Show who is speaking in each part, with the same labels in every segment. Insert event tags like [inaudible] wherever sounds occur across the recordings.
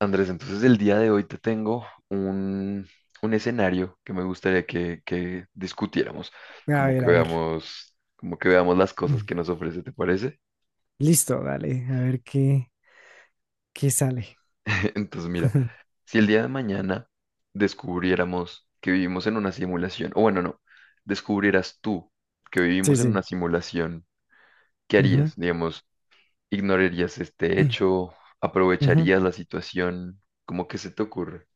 Speaker 1: Andrés, entonces el día de hoy te tengo un escenario que me gustaría que discutiéramos,
Speaker 2: A ver, a ver.
Speaker 1: como que veamos las cosas que
Speaker 2: [clears throat]
Speaker 1: nos ofrece, ¿te parece?
Speaker 2: Listo, dale, a ver qué sale.
Speaker 1: [laughs] Entonces, mira,
Speaker 2: [laughs]
Speaker 1: si el día de mañana descubriéramos que vivimos en una simulación, o bueno, no, descubrieras tú que
Speaker 2: Sí,
Speaker 1: vivimos en
Speaker 2: sí.
Speaker 1: una simulación, ¿qué
Speaker 2: Ujú,
Speaker 1: harías? Digamos, ¿ignorarías este
Speaker 2: [clears throat]
Speaker 1: hecho?
Speaker 2: ujú.
Speaker 1: ¿Aprovecharías la situación? ¿Cómo que se te ocurre?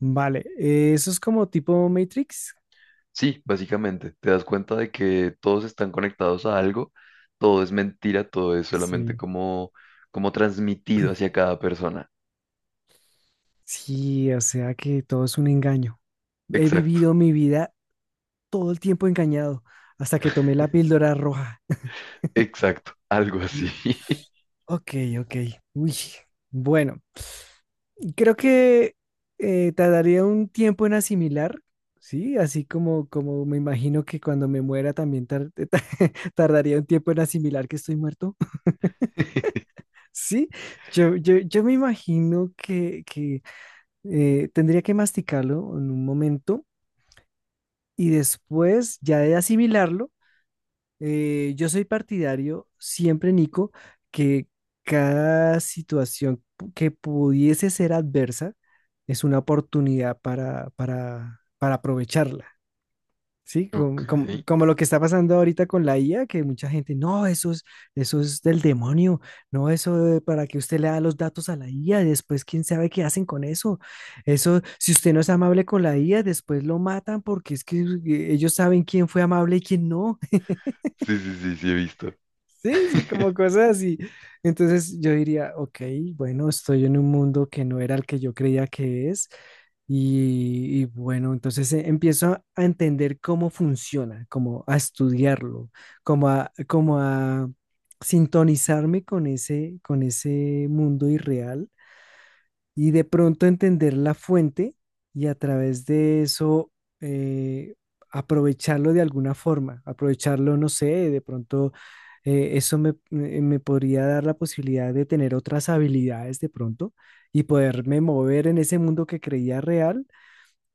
Speaker 2: Vale, eso es como tipo Matrix.
Speaker 1: Sí, básicamente, te das cuenta de que todos están conectados a algo, todo es mentira, todo es solamente
Speaker 2: Sí.
Speaker 1: como transmitido hacia
Speaker 2: [clears throat]
Speaker 1: cada persona.
Speaker 2: Sí, o sea que todo es un engaño. He
Speaker 1: Exacto,
Speaker 2: vivido mi vida todo el tiempo engañado, hasta que tomé la píldora roja.
Speaker 1: exacto, algo
Speaker 2: [laughs]
Speaker 1: así.
Speaker 2: L- Ok, ok. Uy. Bueno, creo que tardaría un tiempo en asimilar, ¿sí? Así como me imagino que cuando me muera también [laughs] tardaría un tiempo en asimilar que estoy muerto, [laughs]
Speaker 1: [laughs]
Speaker 2: ¿sí? Yo me imagino que, tendría que masticarlo en un momento y después ya de asimilarlo. Yo soy partidario siempre, Nico, que cada situación que pudiese ser adversa es una oportunidad para aprovecharla, ¿sí?
Speaker 1: Ok,
Speaker 2: Como, como lo que está pasando ahorita con la IA, que mucha gente, no, eso es del demonio, no, para que usted le da los datos a la IA, y después quién sabe qué hacen con eso. Eso, si usted no es amable con la IA, después lo matan porque es que ellos saben quién fue amable y quién no.
Speaker 1: sí, sí, sí, sí, he visto.
Speaker 2: Sí, sí, como
Speaker 1: [laughs]
Speaker 2: cosas así. Entonces yo diría, ok, bueno, estoy en un mundo que no era el que yo creía que es. Y bueno, entonces empiezo a entender cómo funciona, como a estudiarlo, como a sintonizarme con ese mundo irreal y de pronto entender la fuente y a través de eso eh, aprovecharlo de alguna forma, aprovecharlo, no sé, de pronto eso me podría dar la posibilidad de tener otras habilidades de pronto y poderme mover en ese mundo que creía real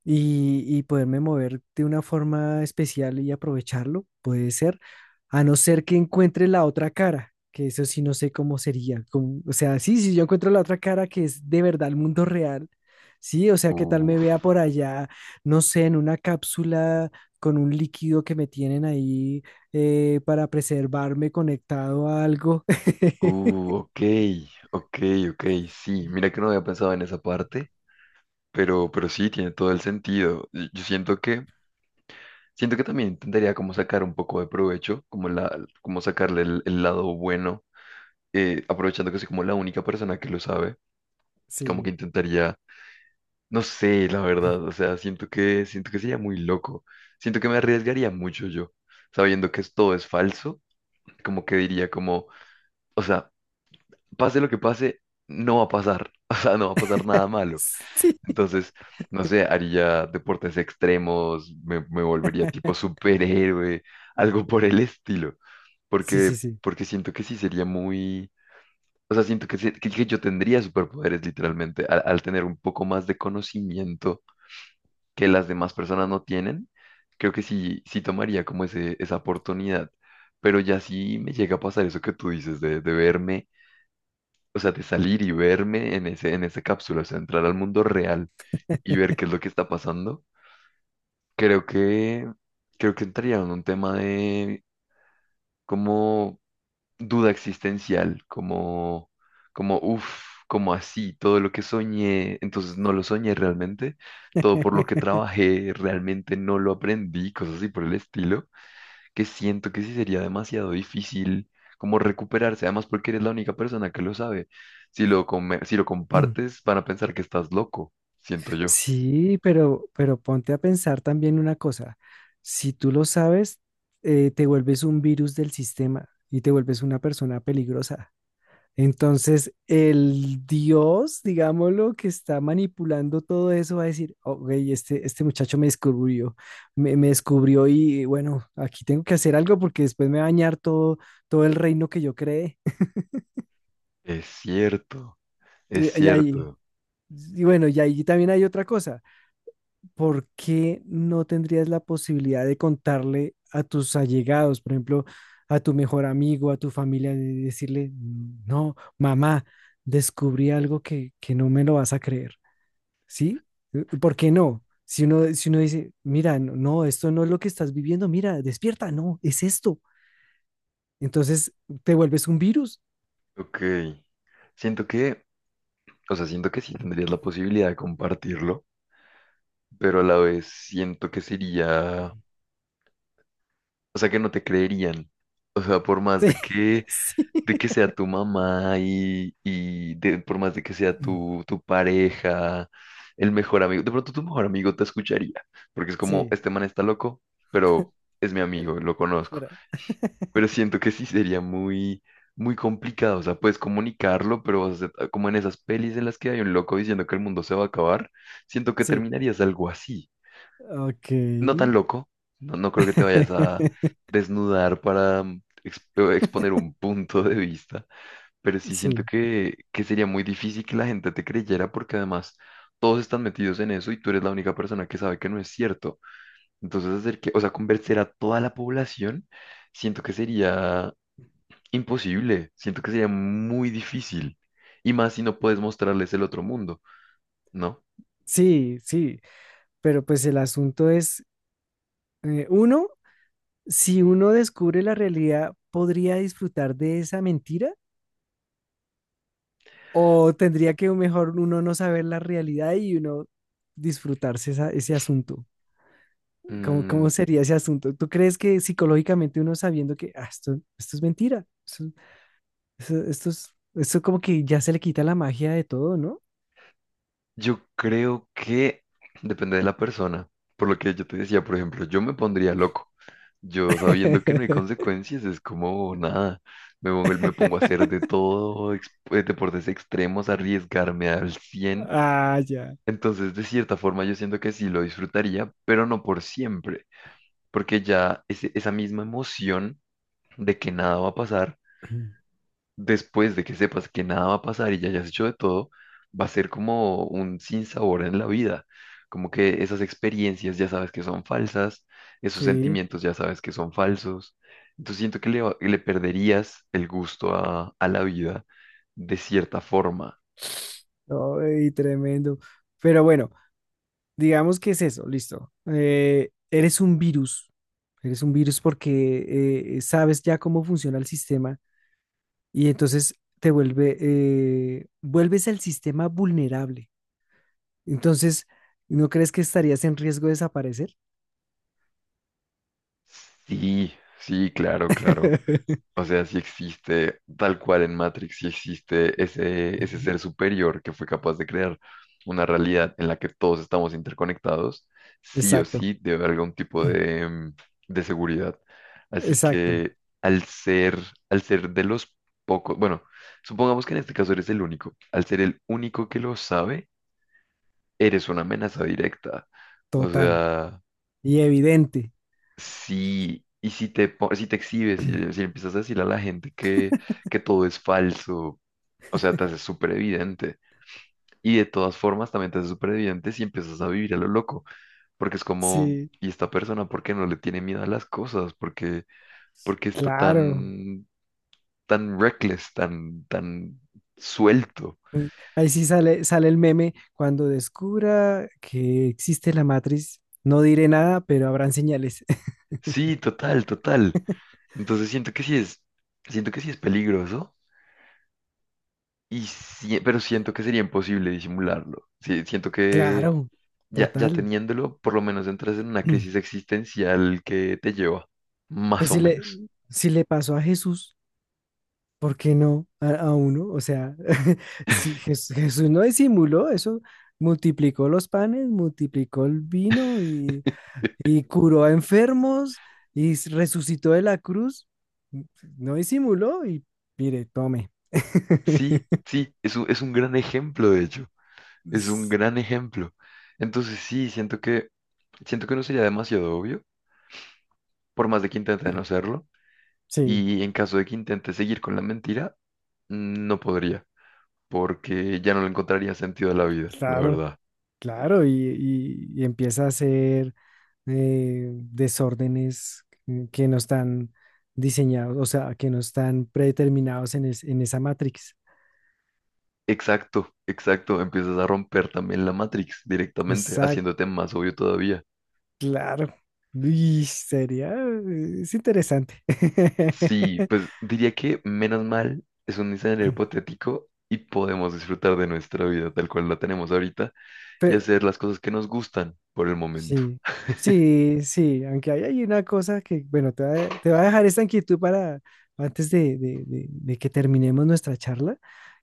Speaker 2: y poderme mover de una forma especial y aprovecharlo, puede ser, a no ser que encuentre la otra cara, que eso sí no sé cómo sería, o sea, sí, si yo encuentro la otra cara que es de verdad el mundo real, sí, o sea, que tal me
Speaker 1: Uf,
Speaker 2: vea por allá, no sé, en una cápsula con un líquido que me tienen ahí para preservarme conectado a algo. [laughs]
Speaker 1: ok, ok, ok, sí, mira que no había pensado en esa parte, pero sí, tiene todo el sentido. Y yo siento siento que también intentaría como sacar un poco de provecho, como sacarle el lado bueno, aprovechando que soy como la única persona que lo sabe, como que
Speaker 2: Sí,
Speaker 1: intentaría, no sé, la verdad, o sea, siento siento que sería muy loco, siento que me arriesgaría mucho yo, sabiendo que todo es falso, como que diría como, o sea, pase lo que pase, no va a pasar, [laughs] o sea, no va a pasar nada malo,
Speaker 2: sí, sí,
Speaker 1: entonces, no sé, haría deportes extremos, me volvería tipo superhéroe, algo por el estilo,
Speaker 2: [laughs] sí,
Speaker 1: porque,
Speaker 2: sí.
Speaker 1: porque siento que sí sería muy... O sea, siento que yo tendría superpoderes literalmente al tener un poco más de conocimiento que las demás personas no tienen. Creo que sí, sí tomaría como esa oportunidad. Pero ya sí me llega a pasar eso que tú dices de verme, o sea, de salir y verme en en esa cápsula, o sea, entrar al mundo real y ver qué es lo que está pasando. Creo creo que entraría en un tema de cómo duda existencial, uff, como así, todo lo que soñé, entonces no lo soñé realmente, todo por lo que trabajé realmente no lo aprendí, cosas así por el estilo, que siento que sí sería demasiado difícil como recuperarse, además porque eres la única persona que lo sabe. Si si lo
Speaker 2: [clears throat]
Speaker 1: compartes, van a pensar que estás loco, siento yo.
Speaker 2: Sí, pero ponte a pensar también una cosa. Si tú lo sabes, te vuelves un virus del sistema y te vuelves una persona peligrosa. Entonces, el Dios, digámoslo, que está manipulando todo eso, va a decir, ok, este muchacho me descubrió, me descubrió y bueno, aquí tengo que hacer algo porque después me va a dañar todo, todo el reino que yo creé. [laughs]
Speaker 1: Es cierto, es
Speaker 2: Y ahí,
Speaker 1: cierto.
Speaker 2: y bueno, y ahí también hay otra cosa. ¿Por qué no tendrías la posibilidad de contarle a tus allegados, por ejemplo, a tu mejor amigo, a tu familia, de decirle, no, mamá, descubrí algo que no me lo vas a creer, ¿sí? ¿Por qué no? Si uno dice, mira, no, no, esto no es lo que estás viviendo, mira, despierta, no, es esto. Entonces te vuelves un virus.
Speaker 1: Ok. Siento que, o sea, siento que sí tendrías la posibilidad de compartirlo, pero a la vez siento que sería, o sea, que no te creerían. O sea, por más
Speaker 2: [laughs] Sí,
Speaker 1: de que sea tu mamá y, por más de que sea tu pareja, el mejor amigo, de pronto tu mejor amigo te escucharía, porque es
Speaker 2: sí,
Speaker 1: como,
Speaker 2: sí,
Speaker 1: este man está loco, pero es mi
Speaker 2: espera,
Speaker 1: amigo, lo conozco.
Speaker 2: espera.
Speaker 1: Pero siento que sí sería muy complicado, o sea, puedes comunicarlo, pero como en esas pelis en las que hay un loco diciendo que el mundo se va a acabar, siento que
Speaker 2: Sí,
Speaker 1: terminarías algo así. No tan
Speaker 2: ok.
Speaker 1: loco, no, no creo que te vayas a
Speaker 2: [laughs]
Speaker 1: desnudar para exponer un punto de vista, pero sí siento
Speaker 2: Sí.
Speaker 1: que sería muy difícil que la gente te creyera porque además todos están metidos en eso y tú eres la única persona que sabe que no es cierto. Entonces hacer que, o sea, convencer a toda la población, siento que sería imposible, siento que sería muy difícil y más si no puedes mostrarles el otro mundo, ¿no?
Speaker 2: Sí, sí, pero pues el asunto es, uno, si uno descubre la realidad, ¿podría disfrutar de esa mentira? ¿O tendría que mejor uno no saber la realidad y uno disfrutarse ese asunto? ¿Cómo
Speaker 1: Mm,
Speaker 2: sería ese asunto? ¿Tú crees que psicológicamente uno sabiendo que "Ah, esto es mentira? Esto es, esto como que ya se le quita la magia de todo, ¿no?
Speaker 1: yo creo que depende de la persona. Por lo que yo te decía, por ejemplo, yo me pondría loco. Yo sabiendo que no hay
Speaker 2: [laughs]
Speaker 1: consecuencias, es como nada. Me pongo a hacer de todo, deportes extremos, arriesgarme al cien.
Speaker 2: Ah, ya.
Speaker 1: Entonces, de cierta forma, yo siento que sí lo disfrutaría, pero no por siempre, porque ya esa misma emoción de que nada va a pasar
Speaker 2: [clears throat]
Speaker 1: después de que sepas que nada va a pasar y ya hayas hecho de todo, va a ser como un sinsabor en la vida. Como que esas experiencias ya sabes que son falsas, esos
Speaker 2: Sí,
Speaker 1: sentimientos ya sabes que son falsos. Entonces siento que le perderías el gusto a la vida de cierta forma.
Speaker 2: no, y tremendo. Pero bueno. Digamos que es eso, listo. Eres un virus, eres un virus porque sabes ya cómo funciona el sistema y entonces vuelves el sistema vulnerable. Entonces, ¿no crees que estarías en riesgo de desaparecer?
Speaker 1: Sí, sí, claro, claro.
Speaker 2: [laughs]
Speaker 1: O sea, si existe, tal cual en Matrix, si existe ese
Speaker 2: Ujú.
Speaker 1: ser superior que fue capaz de crear una realidad en la que todos estamos interconectados, sí o
Speaker 2: Exacto,
Speaker 1: sí debe haber algún tipo de, mm, de seguridad.
Speaker 2: [clears throat]
Speaker 1: Así
Speaker 2: exacto,
Speaker 1: que al ser, al ser de los pocos, bueno, supongamos que en este caso eres el único, al ser el único que lo sabe, eres una amenaza directa. O
Speaker 2: total
Speaker 1: sea...
Speaker 2: y evidente.
Speaker 1: Sí, y si si te exhibes, si empiezas a decirle a la gente que todo es falso, o sea, te haces súper evidente. Y de todas formas también te haces súper evidente si empiezas a vivir a lo loco, porque es como,
Speaker 2: Sí,
Speaker 1: ¿y esta persona por qué no le tiene miedo a las cosas? Por qué está
Speaker 2: claro.
Speaker 1: tan, tan reckless, tan suelto?
Speaker 2: Mm, ahí sí sale el meme cuando descubra que existe la matriz. No diré nada, pero habrán señales.
Speaker 1: Sí, total, total. Entonces siento que sí es, siento que sí es peligroso. Pero siento que sería imposible disimularlo. Sí, siento que
Speaker 2: Claro,
Speaker 1: ya, ya
Speaker 2: total.
Speaker 1: teniéndolo, por lo menos entras en una crisis
Speaker 2: [clears throat]
Speaker 1: existencial que te lleva, más
Speaker 2: Pues
Speaker 1: o
Speaker 2: si le,
Speaker 1: menos.
Speaker 2: si le pasó a Jesús, ¿por qué no a, a uno? O sea, [laughs] si Jesús no disimuló eso, multiplicó los panes, multiplicó el vino y curó a enfermos y resucitó de la cruz. mm, No disimuló y mire, tome.
Speaker 1: Sí,
Speaker 2: [laughs]
Speaker 1: sí, es es un gran ejemplo, de hecho, es un
Speaker 2: S-
Speaker 1: gran ejemplo. Entonces sí, siento siento que no sería demasiado obvio, por más de que intente no hacerlo,
Speaker 2: Sí,
Speaker 1: y en caso de que intente seguir con la mentira, no podría, porque ya no le encontraría sentido a la vida, la
Speaker 2: claro,
Speaker 1: verdad.
Speaker 2: claro, y, y empieza a hacer desórdenes que no están diseñados, o sea, que no están predeterminados en, en esa matrix.
Speaker 1: Exacto, exacto, empiezas a romper también la Matrix directamente,
Speaker 2: Exacto,
Speaker 1: haciéndote más obvio todavía.
Speaker 2: claro. Y sería, es interesante.
Speaker 1: Sí,
Speaker 2: [laughs]
Speaker 1: pues diría que menos mal es un escenario hipotético y podemos disfrutar de nuestra vida tal cual la tenemos ahorita y
Speaker 2: Pero,
Speaker 1: hacer las cosas que nos gustan por el momento.
Speaker 2: Sí, sí, sí, aunque hay una cosa que, bueno, te va a dejar esta inquietud para antes de que terminemos nuestra charla,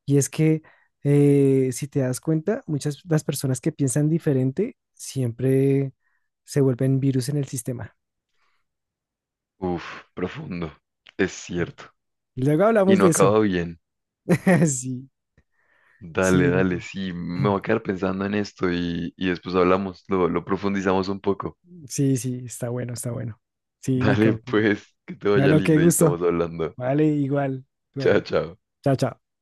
Speaker 2: y es que si te das cuenta, muchas las personas que piensan diferente siempre se vuelven virus en el sistema.
Speaker 1: Uf, profundo, es cierto.
Speaker 2: Luego
Speaker 1: Y
Speaker 2: hablamos
Speaker 1: no
Speaker 2: de eso.
Speaker 1: acaba bien.
Speaker 2: [laughs] Sí,
Speaker 1: Dale,
Speaker 2: sí,
Speaker 1: dale,
Speaker 2: Nico.
Speaker 1: sí, me voy a
Speaker 2: [clears throat]
Speaker 1: quedar pensando en esto y después hablamos, lo profundizamos un poco.
Speaker 2: Sí, sí, está bueno, está bueno.
Speaker 1: [laughs]
Speaker 2: Sí,
Speaker 1: Dale,
Speaker 2: Nico. Bueno,
Speaker 1: pues, que te vaya
Speaker 2: bueno, qué
Speaker 1: lindo y
Speaker 2: gusto.
Speaker 1: estamos hablando.
Speaker 2: Vale, igual.
Speaker 1: Chao,
Speaker 2: Bueno,
Speaker 1: chao.
Speaker 2: chao, chao.